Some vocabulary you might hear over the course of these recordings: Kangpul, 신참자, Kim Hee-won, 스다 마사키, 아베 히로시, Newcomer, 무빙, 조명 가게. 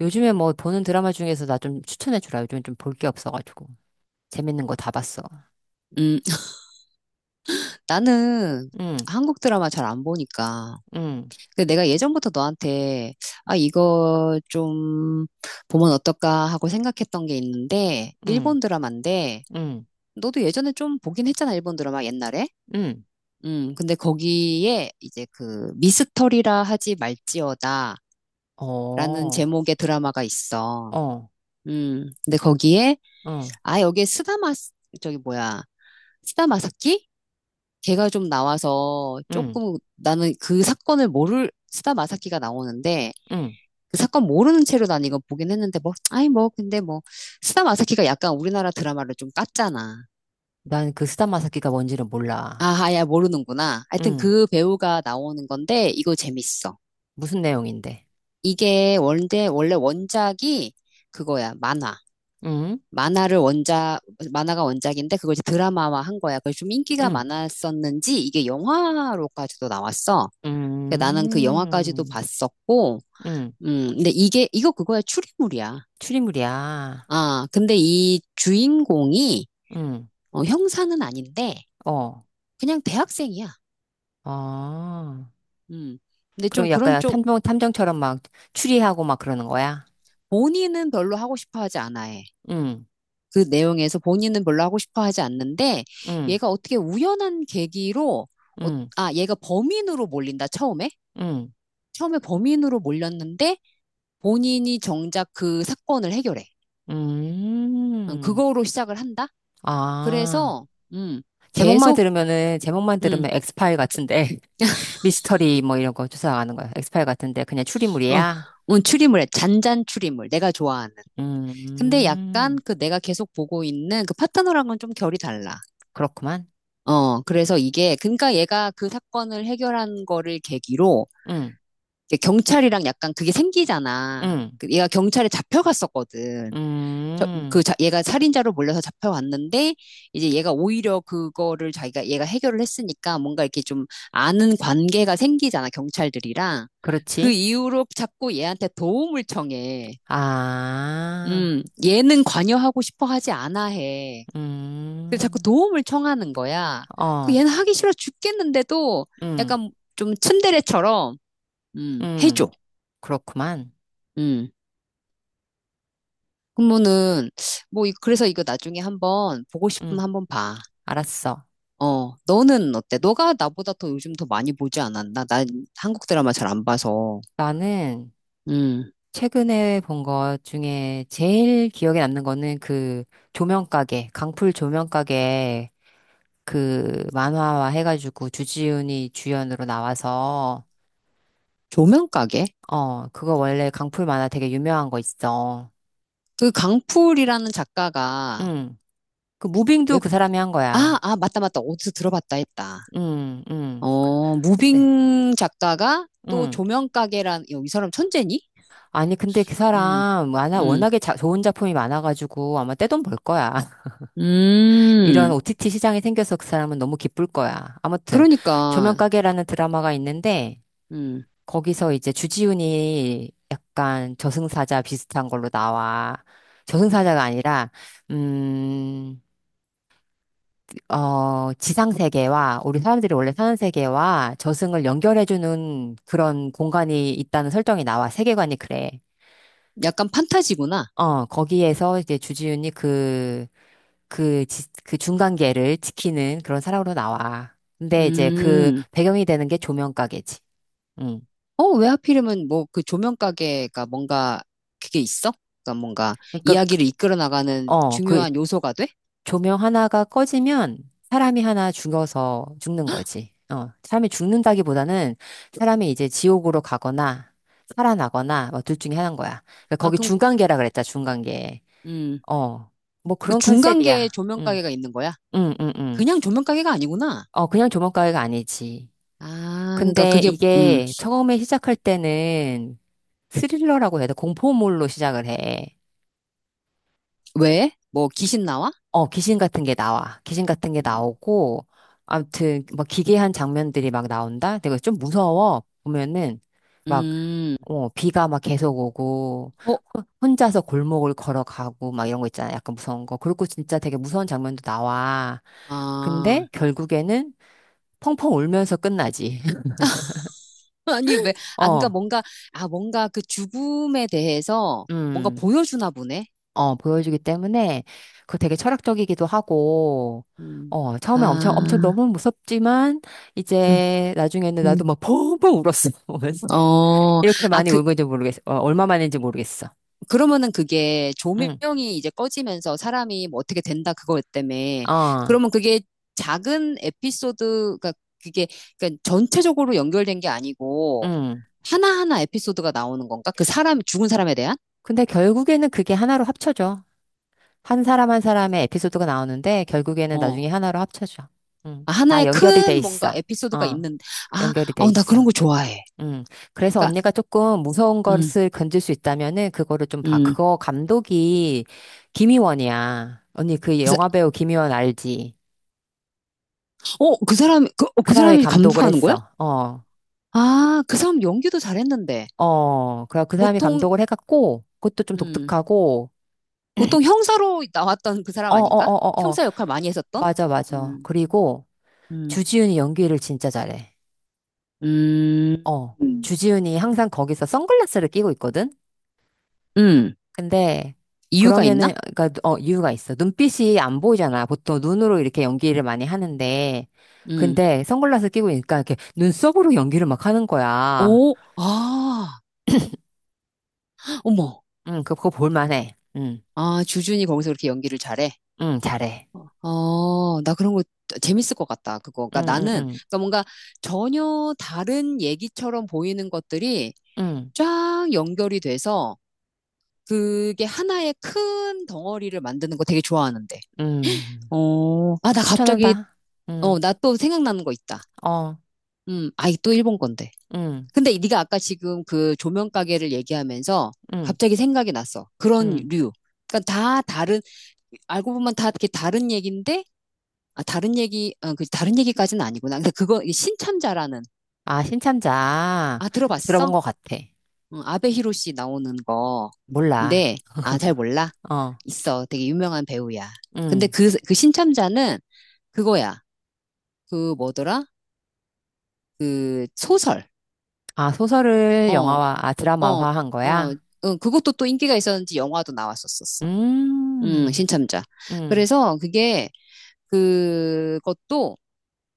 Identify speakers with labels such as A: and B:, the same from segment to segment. A: 요즘에 뭐 보는 드라마 중에서 나 좀 추천해 주라. 요즘에 좀 볼 게 없어가지고. 재밌는 거 다 봤어.
B: 음, 나는
A: 응,
B: 한국 드라마 잘 안 보니까.
A: 응,
B: 근데 내가 예전부터 너한테, 아, 이거 좀 보면 어떨까 하고 생각했던 게 있는데,
A: 응,
B: 일본 드라마인데,
A: 응,
B: 너도 예전에 좀 보긴 했잖아, 일본 드라마 옛날에.
A: 응.
B: 근데 거기에 이제 그 미스터리라 하지 말지어다라는
A: 어,
B: 제목의 드라마가 있어.
A: 어,
B: 근데 거기에,
A: 응,
B: 아, 여기에 저기 뭐야, 스다마사키? 걔가 좀 나와서
A: 응,
B: 조금 나는 그 사건을 모를 스다 마사키가 나오는데
A: 응.
B: 그 사건 모르는 채로 난 이거 보긴 했는데 뭐 아이 뭐 근데 뭐 스다 마사키가 약간 우리나라 드라마를 좀 깠잖아.
A: 난 그 스타마사키가 뭔지는 몰라.
B: 아야 모르는구나. 하여튼
A: 응.
B: 그 배우가 나오는 건데 이거 재밌어.
A: 무슨 내용인데?
B: 이게 원래 원작이 그거야 만화.
A: 응,
B: 만화를 원작 만화가 원작인데 그걸 이제 드라마화 한 거야. 그래서 좀 인기가
A: 응,
B: 많았었는지 이게 영화로까지도 나왔어. 그러니까 나는 그 영화까지도
A: 응,
B: 봤었고,
A: 응.
B: 근데 이거 그거야, 추리물이야.
A: 추리물이야.
B: 아, 근데 이 주인공이,
A: 응,
B: 어, 형사는 아닌데,
A: 어,
B: 그냥 대학생이야.
A: 어.
B: 음, 근데 좀
A: 그럼
B: 그런
A: 약간
B: 쪽,
A: 탐정, 탐정처럼 막 추리하고 막 그러는 거야?
B: 본인은 별로 하고 싶어 하지 않아 해.
A: 응,
B: 그 내용에서 본인은 별로 하고 싶어 하지 않는데,
A: 응,
B: 얘가 어떻게 우연한 계기로, 어,
A: 응,
B: 아, 얘가 범인으로 몰린다, 처음에?
A: 응.
B: 처음에 범인으로 몰렸는데, 본인이 정작 그 사건을 해결해. 어,
A: 음.
B: 그거로 시작을 한다?
A: 아.
B: 그래서, 음,
A: 제목만
B: 계속,
A: 들으면은, 제목만
B: 음,
A: 들으면 엑스파일 같은데, 미스터리 뭐 이런 거 조사하는 거야. 엑스파일 같은데, 그냥
B: 어,
A: 추리물이야?
B: 추리물에, 잔잔 추리물, 내가 좋아하는. 근데 약간
A: 음.
B: 그 내가 계속 보고 있는 그 파타노랑은 좀 결이 달라.
A: 그렇구만.
B: 어, 그래서 이게, 그러니까 얘가 그 사건을 해결한 거를 계기로,
A: 응,
B: 이 경찰이랑 약간 그게 생기잖아.
A: 응,
B: 그 얘가 경찰에 잡혀갔었거든.
A: 음.
B: 얘가 살인자로 몰려서 잡혀왔는데, 이제 얘가 오히려 그거를 자기가, 얘가 해결을 했으니까 뭔가 이렇게 좀 아는 관계가 생기잖아, 경찰들이랑. 그
A: 그렇지.
B: 이후로 자꾸 얘한테 도움을 청해.
A: 아.
B: 얘는 관여하고 싶어 하지 않아 해. 그래서 자꾸
A: 음.
B: 도움을 청하는 거야. 그
A: 어,
B: 얘는 하기 싫어 죽겠는데도
A: 응,
B: 약간 좀 츤데레처럼,
A: 응.
B: 해줘.
A: 그렇구만.
B: 음. 그러면은, 뭐, 그래서 이거 나중에 한번 보고 싶으면
A: 응,
B: 한번 봐.
A: 알았어.
B: 어, 너는 어때? 너가 나보다 더 요즘 더 많이 보지 않았나? 난 한국 드라마 잘 안 봐서.
A: 나는,
B: 음,
A: 최근에 본 것 중에 제일 기억에 남는 거는 그 조명가게, 강풀 조명가게 그 만화화 해가지고 주지훈이 주연으로 나와서
B: 조명가게?
A: 어, 그거 원래 강풀 만화 되게 유명한 거 있어.
B: 그 강풀이라는 작가가
A: 응. 그 무빙도
B: 웹,
A: 그 사람이 한
B: 아,
A: 거야.
B: 아, 맞다, 맞다. 어디서 들어봤다 했다.
A: 응, 응.
B: 어,
A: 근데,
B: 무빙 작가가 또
A: 응.
B: 조명가게란, 야, 이 사람 천재니?
A: 아니, 근데 그
B: 음,
A: 사람 만화
B: 음,
A: 워낙에 좋은 작품이 많아가지고 아마 떼돈 벌 거야. 이런
B: 음.
A: OTT 시장이 생겨서 그 사람은 너무 기쁠 거야. 아무튼
B: 그러니까,
A: 조명가게라는 드라마가 있는데
B: 음,
A: 거기서 이제 주지훈이 약간 저승사자 비슷한 걸로 나와. 저승사자가 아니라 음, 어, 지상세계와 우리 사람들이 원래 사는 세계와 저승을 연결해주는 그런 공간이 있다는 설정이 나와. 세계관이 그래.
B: 약간 판타지구나.
A: 어, 거기에서 이제 주지훈이 그 중간계를 지키는 그런 사람으로 나와. 근데 이제 그
B: 음.
A: 배경이 되는 게 조명 가게지. 응.
B: 어, 왜 하필이면 뭐 그 조명 가게가 뭔가 그게 있어? 그러니까 뭔가
A: 그러니까, 그-
B: 이야기를 이끌어 나가는
A: 어, 그
B: 중요한 요소가 돼?
A: 조명 하나가 꺼지면 사람이 하나 죽어서 죽는 거지. 어, 사람이 죽는다기보다는 사람이 이제 지옥으로 가거나 살아나거나 뭐 둘 중에 하나인 거야. 그러니까
B: 아,
A: 거기
B: 그럼
A: 중간계라 그랬다, 중간계.
B: 음.
A: 어, 뭐
B: 그
A: 그런
B: 중간계
A: 컨셉이야.
B: 조명
A: 응,
B: 가게가 있는 거야?
A: 응, 응, 응.
B: 그냥 조명 가게가 아니구나.
A: 어, 그냥 조명가게가 아니지.
B: 아, 그러니까
A: 근데
B: 그게
A: 이게 처음에 시작할 때는 스릴러라고 해야 돼. 공포물로 시작을 해.
B: 왜? 뭐 귀신 나와?
A: 어, 귀신 같은 게 나와. 귀신 같은 게
B: 음.
A: 나오고, 아무튼, 막 기괴한 장면들이 막 나온다? 내가 좀 무서워. 보면은, 막,
B: 음.
A: 어, 비가 막 계속 오고,
B: 어,
A: 혼자서 골목을 걸어가고, 막 이런 거 있잖아. 약간 무서운 거. 그리고 진짜 되게 무서운 장면도 나와.
B: 아.
A: 근데 결국에는 펑펑 울면서 끝나지.
B: 아니 왜? 아, 그러니까
A: 어,
B: 뭔가 아, 뭔가 그 죽음에 대해서 뭔가
A: 음.
B: 보여주나 보네.
A: 어, 보여주기 때문에 그거 되게 철학적이기도 하고,
B: 음.
A: 어, 처음에 엄청, 엄청
B: 아.
A: 너무 무섭지만,
B: 음.
A: 이제 나중에는 나도
B: 음.
A: 막 펑펑 울었어, 보면서.
B: 어.
A: 이렇게
B: 아,
A: 많이
B: 그,
A: 울고인지 모르겠어. 어, 얼마 만인지 모르겠어.
B: 그러면은 그게
A: 응,
B: 조명이 이제 꺼지면서 사람이 뭐 어떻게 된다 그거 때문에
A: 어,
B: 그러면 그게 작은 에피소드가 그게 그러니까 전체적으로 연결된 게 아니고
A: 응.
B: 하나하나 에피소드가 나오는 건가? 그 사람 죽은 사람에 대한
A: 근데 결국에는 그게 하나로 합쳐져. 한 사람 한 사람의 에피소드가 나오는데, 결국에는 나중에
B: 어
A: 하나로 합쳐져. 응.
B: 아,
A: 다
B: 하나의
A: 연결이 돼
B: 큰 뭔가
A: 있어.
B: 에피소드가
A: 어,
B: 있는 아,
A: 연결이 돼
B: 어, 나 그런
A: 있어.
B: 거 좋아해.
A: 음. 그래서
B: 그러니까
A: 언니가 조금 무서운
B: 음,
A: 것을 건질 수 있다면은 그거를 좀 봐.
B: 음.
A: 그거 감독이 김희원이야. 언니 그
B: 그래서
A: 영화배우 김희원 알지?
B: 어, 그 사람 그, 어,
A: 그
B: 그
A: 사람이
B: 사람이
A: 감독을
B: 감독하는 거야?
A: 했어. 어.
B: 아, 그 사람 연기도 잘했는데
A: 어. 그래 그 사람이
B: 보통
A: 감독을 해갖고 그것도 좀
B: 음.
A: 독특하고
B: 보통 형사로 나왔던 그 사람
A: 어, 어,
B: 아닌가?
A: 어, 어, 어.
B: 형사 역할 많이 했었던?
A: 맞아, 맞아.
B: 음,
A: 그리고
B: 음,
A: 주지훈이 연기를 진짜 잘해.
B: 음,
A: 어. 주지훈이 항상 거기서 선글라스를 끼고 있거든?
B: 음.
A: 근데
B: 이유가 있나?
A: 그러면은 그러니까 어 이유가 있어. 눈빛이 안 보이잖아. 보통 눈으로 이렇게 연기를 많이 하는데
B: 음.
A: 근데 선글라스 끼고 있으니까 이렇게 눈썹으로 연기를 막 하는 거야.
B: 오, 아, 어머.
A: 응, 그거 볼만해. 응,
B: 아, 주준이 거기서 그렇게 연기를 잘해.
A: 응, 잘해.
B: 어, 나 그런 거 재밌을 것 같다. 그거.
A: 응,
B: 그러니까
A: 응,
B: 나는,
A: 응,
B: 그러니까 뭔가 전혀 다른 얘기처럼 보이는 것들이
A: 응,
B: 쫙 연결이 돼서 그게 하나의 큰 덩어리를 만드는 거 되게 좋아하는데.
A: 응.
B: 어, 아, 나 갑자기,
A: 추천한다.
B: 어,
A: 응,
B: 나 또 생각나는 거 있다.
A: 어,
B: 아이, 또 일본 건데.
A: 응,
B: 근데 네가 아까 지금 그 조명 가게를 얘기하면서
A: 응,
B: 갑자기 생각이 났어. 그런
A: 응.
B: 류. 그러니까 다 다른, 알고 보면 다 이렇게 다른 얘기인데, 아, 다른 얘기, 어, 그 다른 얘기까지는 아니구나. 근데 그거, 이 신참자라는,
A: 아, 신참자
B: 아, 들어봤어?
A: 들어본 것 같아.
B: 응, 아베 히로시 나오는 거.
A: 몰라.
B: 근데, 아, 잘 몰라.
A: 어,
B: 있어. 되게 유명한 배우야. 근데
A: 응.
B: 그, 그 신참자는 그거야. 그 뭐더라? 그 소설.
A: 아, 소설을
B: 어,
A: 영화화, 아,
B: 어,
A: 드라마화한
B: 어,
A: 거야?
B: 응, 그것도 또 인기가 있었는지 영화도 나왔었었어.
A: 음.
B: 신참자.
A: 음,
B: 그래서 그게, 그것도,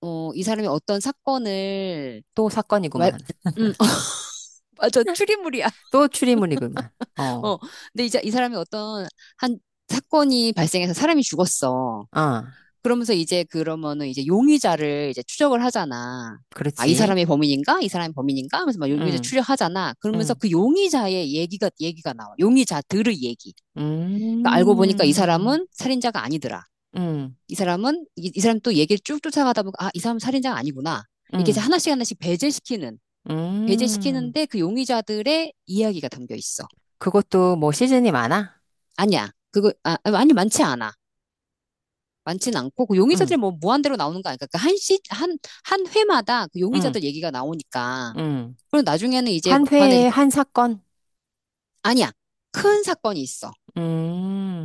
B: 어, 이 사람이 어떤 사건을,
A: 또
B: 말,
A: 사건이구만.
B: 음, 맞아, 추리물이야.
A: 또 추리물이구만. 어,
B: 어, 근데 이제 이 사람이 어떤 한 사건이 발생해서 사람이 죽었어.
A: 아,
B: 그러면서 이제 그러면은 이제 용의자를 이제 추적을 하잖아. 아, 이
A: 그렇지.
B: 사람이 범인인가? 이 사람이 범인인가? 하면서 막 용의자
A: 응
B: 추적하잖아. 그러면서
A: 응
B: 그 용의자의 얘기가 나와. 용의자들의 얘기. 그러니까 알고 보니까 이
A: 음,
B: 사람은 살인자가 아니더라.
A: 응
B: 이 사람은 이 사람 또 얘기를 쭉 쫓아가다 보니까 아, 이 사람 살인자가 아니구나. 이렇게 이제
A: 응
B: 하나씩 하나씩
A: 음.
B: 배제시키는데 그 용의자들의 이야기가 담겨 있어.
A: 그것도 뭐 시즌이 많아?
B: 아니야. 아니 많지 않아. 많진 않고 그
A: 응
B: 용의자들이 뭐 무한대로 나오는 거 아니까 한 회마다 그
A: 응
B: 용의자들 얘기가 나오니까.
A: 응
B: 그리고 나중에는 이제
A: 한
B: 막판에 이제
A: 회에 한 사건?
B: 아니야. 큰 사건이 있어.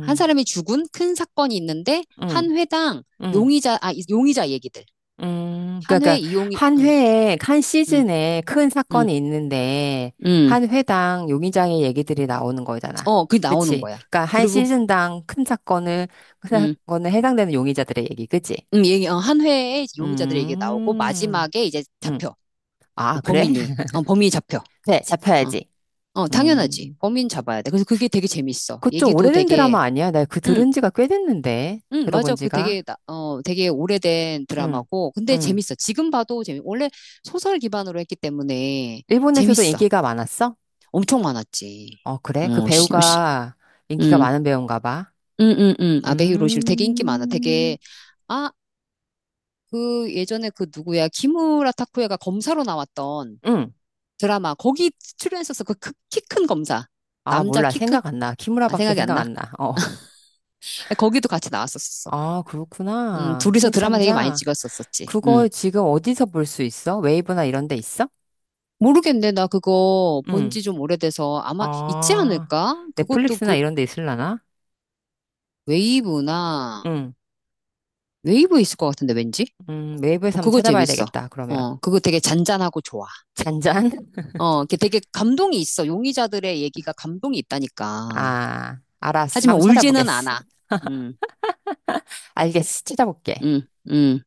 B: 한 사람이 죽은 큰 사건이 있는데
A: 응
B: 한 회당
A: 응
B: 용의자 얘기들
A: 그러니까 한
B: 응,
A: 회에 한
B: 응,
A: 시즌에 큰
B: 응,
A: 사건이 있는데
B: 응.
A: 한 회당 용의자의 얘기들이 나오는 거잖아.
B: 어, 그게 나오는
A: 그치?
B: 거야.
A: 그러니까 한
B: 그리고,
A: 시즌당 큰 사건을 큰
B: 응,
A: 사건에 해당되는 용의자들의 얘기, 그치?
B: 응, 얘기, 어, 한 회에 용의자들 얘기 나오고,
A: 음,
B: 마지막에 이제
A: 음,
B: 잡혀. 그
A: 아 그래?
B: 범인이, 어, 범인이 잡혀.
A: 그래,
B: 어,
A: 잡혀야지.
B: 어, 당연하지.
A: 음,
B: 범인 잡아야 돼. 그래서 그게 되게 재밌어.
A: 그 좀
B: 얘기도
A: 오래된
B: 되게,
A: 드라마 아니야? 나 그
B: 응,
A: 들은 지가 꽤 됐는데
B: 응,
A: 들어본
B: 맞아. 그
A: 지가.
B: 되게, 어, 되게 오래된
A: 응,
B: 드라마고, 근데
A: 응.
B: 재밌어. 지금 봐도 재밌, 원래 소설 기반으로 했기 때문에
A: 일본에서도
B: 재밌어.
A: 인기가 많았어?
B: 엄청 많았지.
A: 어 그래? 그
B: 어, 씨, 어, 씨.
A: 배우가 인기가
B: 응
A: 많은 배우인가 봐.
B: 응응응 아베 히로실 되게 인기 많아.
A: 음,
B: 되게 아 그 예전에 그 누구야 키무라 타쿠야가 검사로 나왔던
A: 응.
B: 드라마 거기 출연했었어. 그 키 큰 검사
A: 아,
B: 남자
A: 몰라.
B: 키 큰
A: 생각 안 나.
B: 아
A: 키무라밖에
B: 생각이 안
A: 생각
B: 나.
A: 안 나. 어.
B: 거기도 같이 나왔었었어.
A: 아, 그렇구나.
B: 둘이서 드라마 되게 많이
A: 신참자.
B: 찍었었었지.
A: 그거 지금 어디서 볼 수 있어? 웨이브나 이런 데 있어?
B: 모르겠네 나 그거 본
A: 응.
B: 지 좀 오래돼서 아마 있지
A: 아,
B: 않을까? 그것도
A: 넷플릭스나
B: 그
A: 이런 데 있으려나?
B: 웨이브나
A: 응.
B: 웨이브 있을 것 같은데 왠지
A: 웨이브에서
B: 어,
A: 한번
B: 그거
A: 찾아봐야
B: 재밌어.
A: 되겠다. 그러면.
B: 어 그거 되게 잔잔하고 좋아.
A: 잔잔?
B: 어, 이게 되게 감동이 있어. 용의자들의 얘기가 감동이 있다니까.
A: 아, 알았어.
B: 하지만
A: 한번
B: 울지는
A: 찾아보겠어.
B: 않아. 음,
A: 알겠어. 찾아볼게.
B: 음, 음.